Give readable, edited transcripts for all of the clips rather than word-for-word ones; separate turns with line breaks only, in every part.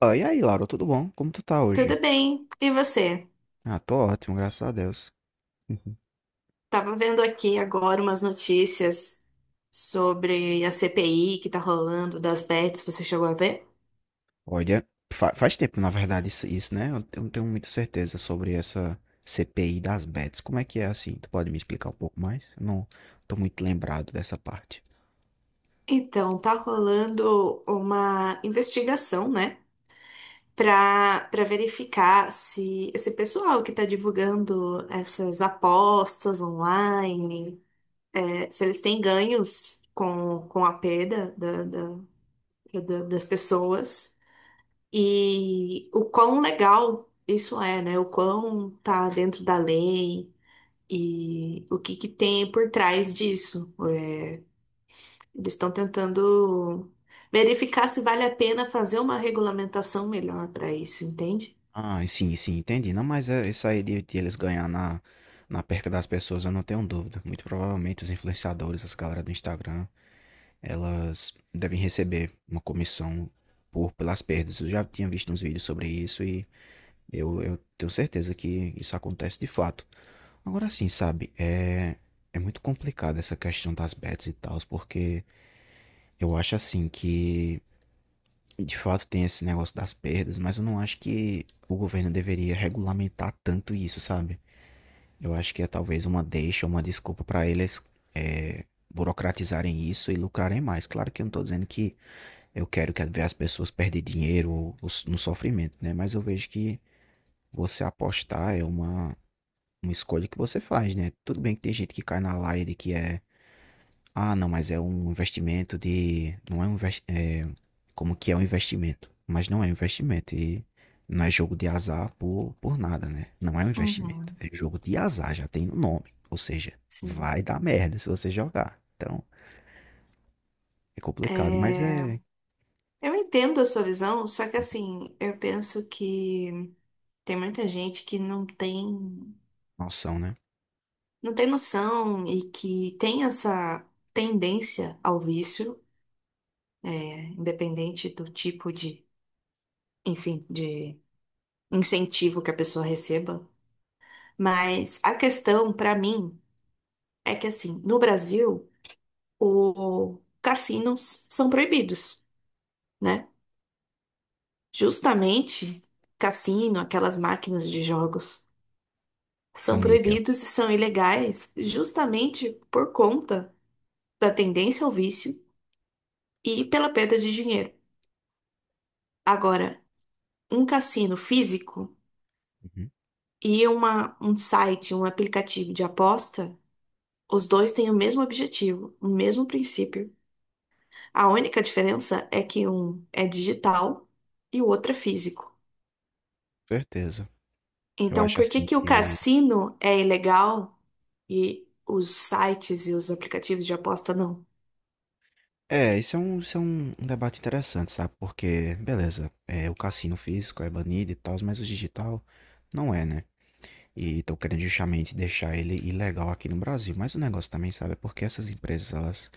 Ah, e aí, Laura, tudo bom? Como tu tá hoje?
Tudo bem? E você?
Ah, tô ótimo, graças a Deus. Uhum.
Tava vendo aqui agora umas notícias sobre a CPI que tá rolando das bets, você chegou a ver?
Olha, faz tempo, na verdade, isso, né? Eu não tenho muita certeza sobre essa CPI das bets. Como é que é assim? Tu pode me explicar um pouco mais? Eu não tô muito lembrado dessa parte.
Então, tá rolando uma investigação, né, pra verificar se esse pessoal que tá divulgando essas apostas online, se eles têm ganhos com a perda das pessoas. E o quão legal isso é, né? O quão tá dentro da lei e o que que tem por trás disso. Eles estão tentando verificar se vale a pena fazer uma regulamentação melhor para isso, entende?
Ah, sim, sim, entendi. Não, mas é isso aí de eles ganhar na perca das pessoas, eu não tenho dúvida. Muito provavelmente os influenciadores, as galera do Instagram, elas devem receber uma comissão por pelas perdas. Eu já tinha visto uns vídeos sobre isso. e Eu tenho certeza que isso acontece de fato. Agora sim, sabe, é, é muito complicado essa questão das bets e tal, porque eu acho assim que de fato tem esse negócio das perdas, mas eu não acho que o governo deveria regulamentar tanto isso, sabe? Eu acho que é talvez uma deixa, uma desculpa para eles é, burocratizarem isso e lucrarem mais. Claro que eu não tô dizendo que eu quero que ver as pessoas perderem dinheiro ou no sofrimento, né? Mas eu vejo que você apostar é uma escolha que você faz, né? Tudo bem que tem gente que cai na laia de que é, ah, não, mas é um investimento de, não é um é, como que é um investimento, mas não é um investimento e não é jogo de azar por nada, né? Não é um investimento,
Uhum,
é jogo de azar, já tem no nome, ou seja,
sim.
vai dar merda se você jogar. Então, é complicado, mas
É,
é
eu entendo a sua visão, só que assim, eu penso que tem muita gente que não tem,
noção, né?
não tem noção e que tem essa tendência ao vício, é, independente do tipo de, enfim, de incentivo que a pessoa receba. Mas a questão para mim é que assim, no Brasil, os cassinos são proibidos, né? Justamente cassino, aquelas máquinas de jogos,
Essa
são
níquel.
proibidos e são ilegais justamente por conta da tendência ao vício e pela perda de dinheiro. Agora, um cassino físico
Uhum,
e um site, um aplicativo de aposta. Os dois têm o mesmo objetivo, o mesmo princípio. A única diferença é que um é digital e o outro é físico.
certeza. Eu
Então,
acho
por que
assim
que o
que
cassino é ilegal e os sites e os aplicativos de aposta não?
é, isso é um debate interessante, sabe? Porque, beleza, é, o cassino físico é banido e tal, mas o digital não é, né? E estão querendo justamente deixar ele ilegal aqui no Brasil. Mas o negócio também, sabe, é porque essas empresas, elas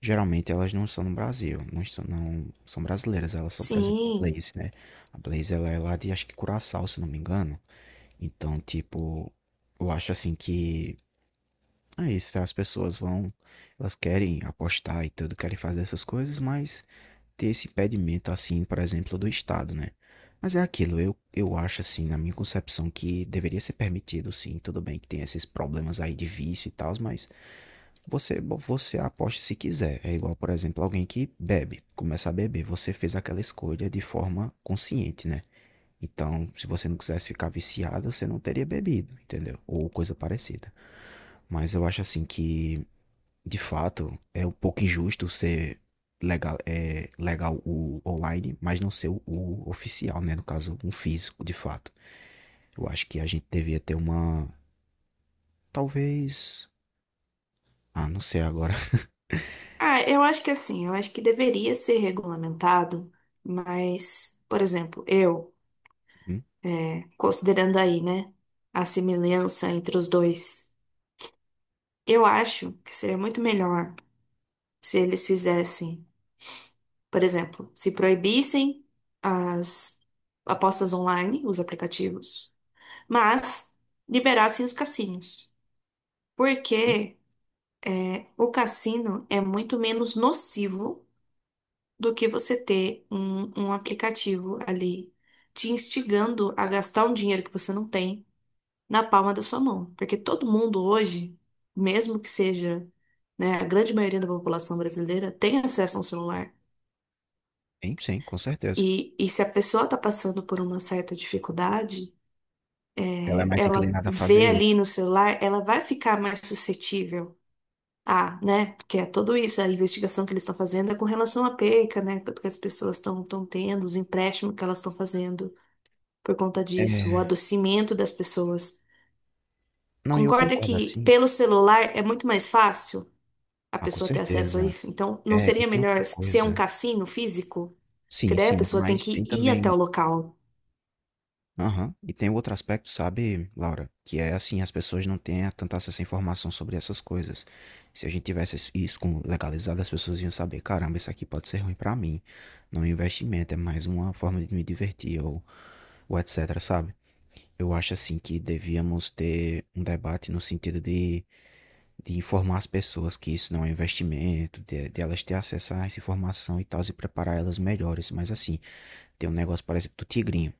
geralmente elas não são no Brasil, não, estão, não são brasileiras, elas são, por exemplo, a
Sim.
Blaze, né? A Blaze ela é lá de acho que Curaçao, se não me engano. Então, tipo, eu acho assim que é isso, tá? As pessoas vão, elas querem apostar e tudo, querem fazer essas coisas, mas ter esse impedimento, assim, por exemplo, do Estado, né? Mas é aquilo, eu acho, assim, na minha concepção, que deveria ser permitido, sim. Tudo bem que tem esses problemas aí de vício e tal, mas você aposta se quiser. É igual, por exemplo, alguém que bebe, começa a beber. Você fez aquela escolha de forma consciente, né? Então, se você não quisesse ficar viciado, você não teria bebido, entendeu? Ou coisa parecida. Mas eu acho assim que de fato, é um pouco injusto ser legal, é, legal o online, mas não ser o oficial, né? No caso, um físico, de fato. Eu acho que a gente devia ter uma. Talvez. Ah, não sei agora.
Ah, eu acho que assim, eu acho que deveria ser regulamentado, mas, por exemplo,
Hum,
considerando aí, né, a semelhança entre os dois, eu acho que seria muito melhor se eles fizessem. Por exemplo, se proibissem as apostas online, os aplicativos, mas liberassem os cassinos.
hum,
Porque é, o cassino é muito menos nocivo do que você ter um aplicativo ali te instigando a gastar um dinheiro que você não tem na palma da sua mão. Porque todo mundo hoje, mesmo que seja, né, a grande maioria da população brasileira, tem acesso a um celular.
sim, sim, com certeza.
E se a pessoa está passando por uma certa dificuldade,
Ela é
é,
mais
ela
inclinada a fazer
vê ali
isso.
no celular, ela vai ficar mais suscetível a, né? Porque é tudo isso, a investigação que eles estão fazendo é com relação à perca, né? Que as pessoas estão tendo, os empréstimos que elas estão fazendo por conta disso, o
É.
adoecimento das pessoas.
Não, e eu
Concorda
concordo
que
assim.
pelo celular é muito mais fácil a
Ah, com
pessoa ter acesso a
certeza.
isso? Então, não
É, e
seria
tem
melhor
outra
ser um
coisa.
cassino físico? Porque
Sim,
daí a
sim,
pessoa tem
mas
que
tem
ir até o
também
local.
aham. E tem outro aspecto, sabe, Laura? Que é assim, as pessoas não têm tanta acesso à informação sobre essas coisas. Se a gente tivesse isso legalizado, as pessoas iam saber, caramba, isso aqui pode ser ruim pra mim. Não é um investimento, é mais uma forma de me divertir ou etc, sabe? Eu acho assim que devíamos ter um debate no sentido de informar as pessoas que isso não é um investimento, de elas ter acesso a essa informação e tal, e preparar elas melhores. Mas assim, tem um negócio, por exemplo, do tigrinho.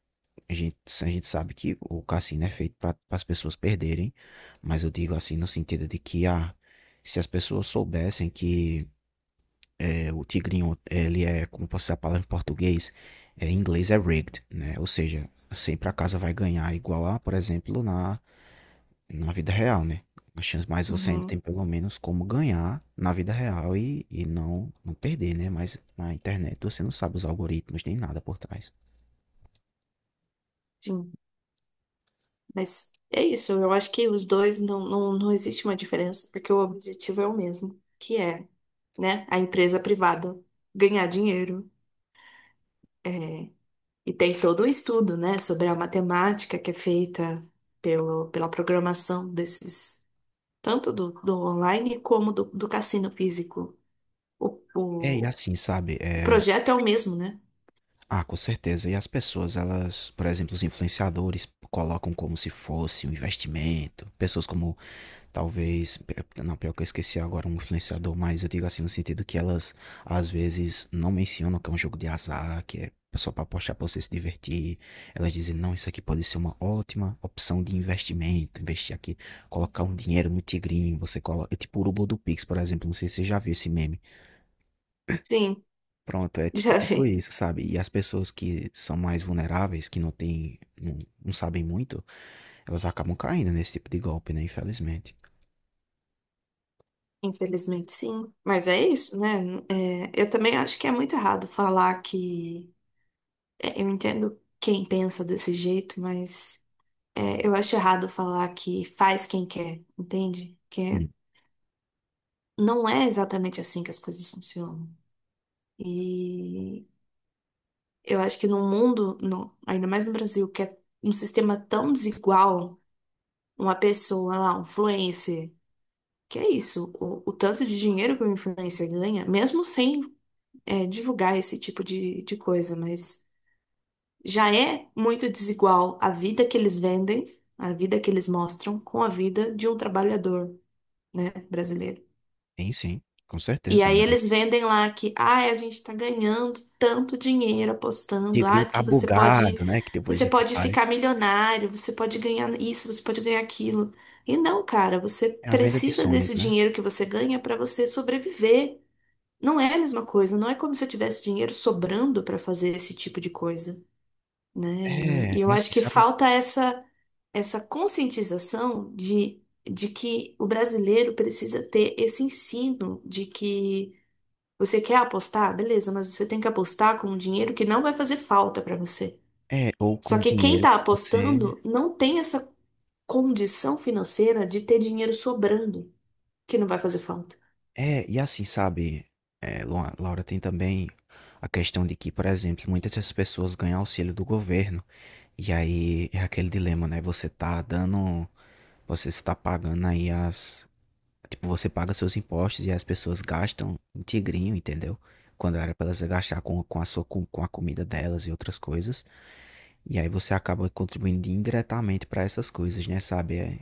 A gente, a gente sabe que o cassino é feito para as pessoas perderem, mas eu digo assim no sentido de que ah, se as pessoas soubessem que eh, o tigrinho, ele é, como posso dizer a palavra em português, eh, em inglês é rigged, né? Ou seja, sempre a casa vai ganhar igual a, por exemplo, na, na vida real, né? As chances- mas você ainda tem
Uhum,
pelo menos como ganhar na vida real e não, não perder, né? Mas na internet você não sabe os algoritmos nem nada por trás.
sim, mas é isso. Eu acho que os dois não existe uma diferença, porque o objetivo é o mesmo, que é, né, a empresa privada ganhar dinheiro. É, e tem todo o estudo, né, sobre a matemática que é feita pela programação desses, tanto do online como do cassino físico. O,
É, e
o,
assim, sabe?
o
É,
projeto é o mesmo, né?
ah, com certeza. E as pessoas, elas, por exemplo, os influenciadores colocam como se fosse um investimento. Pessoas como, talvez, não, pior que eu esqueci agora um influenciador, mas eu digo assim no sentido que elas, às vezes, não mencionam que é um jogo de azar, que é só para apostar para você se divertir. Elas dizem, não, isso aqui pode ser uma ótima opção de investimento. Investir aqui, colocar um dinheiro no tigrinho, você coloca, tipo o urubu do Pix, por exemplo, não sei se você já viu esse meme.
Sim,
Pronto, é tipo,
já
tipo
vi.
isso, sabe? E as pessoas que são mais vulneráveis, que não têm, não, não sabem muito, elas acabam caindo nesse tipo de golpe, né? Infelizmente.
Infelizmente, sim. Mas é isso, né? É, eu também acho que é muito errado falar que. É, eu entendo quem pensa desse jeito, mas é, eu acho errado falar que faz quem quer, entende? Que é-
Hum.
não é exatamente assim que as coisas funcionam. E eu acho que no mundo, no- ainda mais no Brasil, que é um sistema tão desigual, uma pessoa lá, um influencer. Que é isso, o tanto de dinheiro que o influencer ganha, mesmo sem é, divulgar esse tipo de coisa, mas já é muito desigual a vida que eles vendem, a vida que eles mostram, com a vida de um trabalhador, né, brasileiro.
Sim, sim, com
E
certeza,
aí
né?
eles vendem lá que, ai, a gente tá ganhando tanto dinheiro
O
apostando,
tigrinho
ai,
tá
porque
bugado, né? Que depois a
você
gente
pode ficar
faz.
milionário, você pode ganhar isso, você pode ganhar aquilo. E não, cara, você
É a venda de
precisa
sonhos,
desse
né?
dinheiro que você ganha para você sobreviver. Não é a mesma coisa, não é como se eu tivesse dinheiro sobrando para fazer esse tipo de coisa, né? E,
É,
e eu
e
acho
assim,
que
sabe? O-
falta essa essa conscientização de que o brasileiro precisa ter esse ensino de que você quer apostar, beleza, mas você tem que apostar com um dinheiro que não vai fazer falta para você.
é, ou
Só
com
que quem
dinheiro
está
que você.
apostando não tem essa condição financeira de ter dinheiro sobrando, que não vai fazer falta.
É, e assim, sabe? É, Laura, tem também a questão de que, por exemplo, muitas dessas pessoas ganham auxílio do governo. E aí é aquele dilema, né? Você tá dando. Você está pagando aí as. Tipo, você paga seus impostos e as pessoas gastam em tigrinho, entendeu? Quando era para elas gastar com a sua com a comida delas e outras coisas. E aí você acaba contribuindo indiretamente para essas coisas, né? Sabe? É,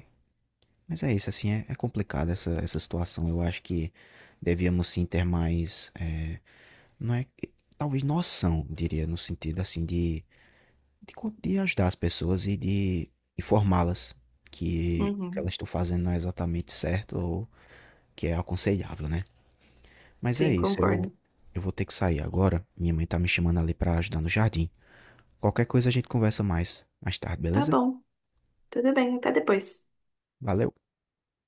mas é isso, assim, é, é complicado essa, essa situação. Eu acho que devíamos sim ter mais. É, não é. Talvez noção, diria, no sentido assim de, de ajudar as pessoas e de informá-las que o que
Uhum.
elas estão fazendo não é exatamente certo ou que é aconselhável, né. Mas é
Sim,
isso,
concordo.
eu vou ter que sair agora, minha mãe tá me chamando ali pra ajudar no jardim. Qualquer coisa a gente conversa mais, mais tarde,
Tá
beleza?
bom, tudo bem, até depois.
Valeu.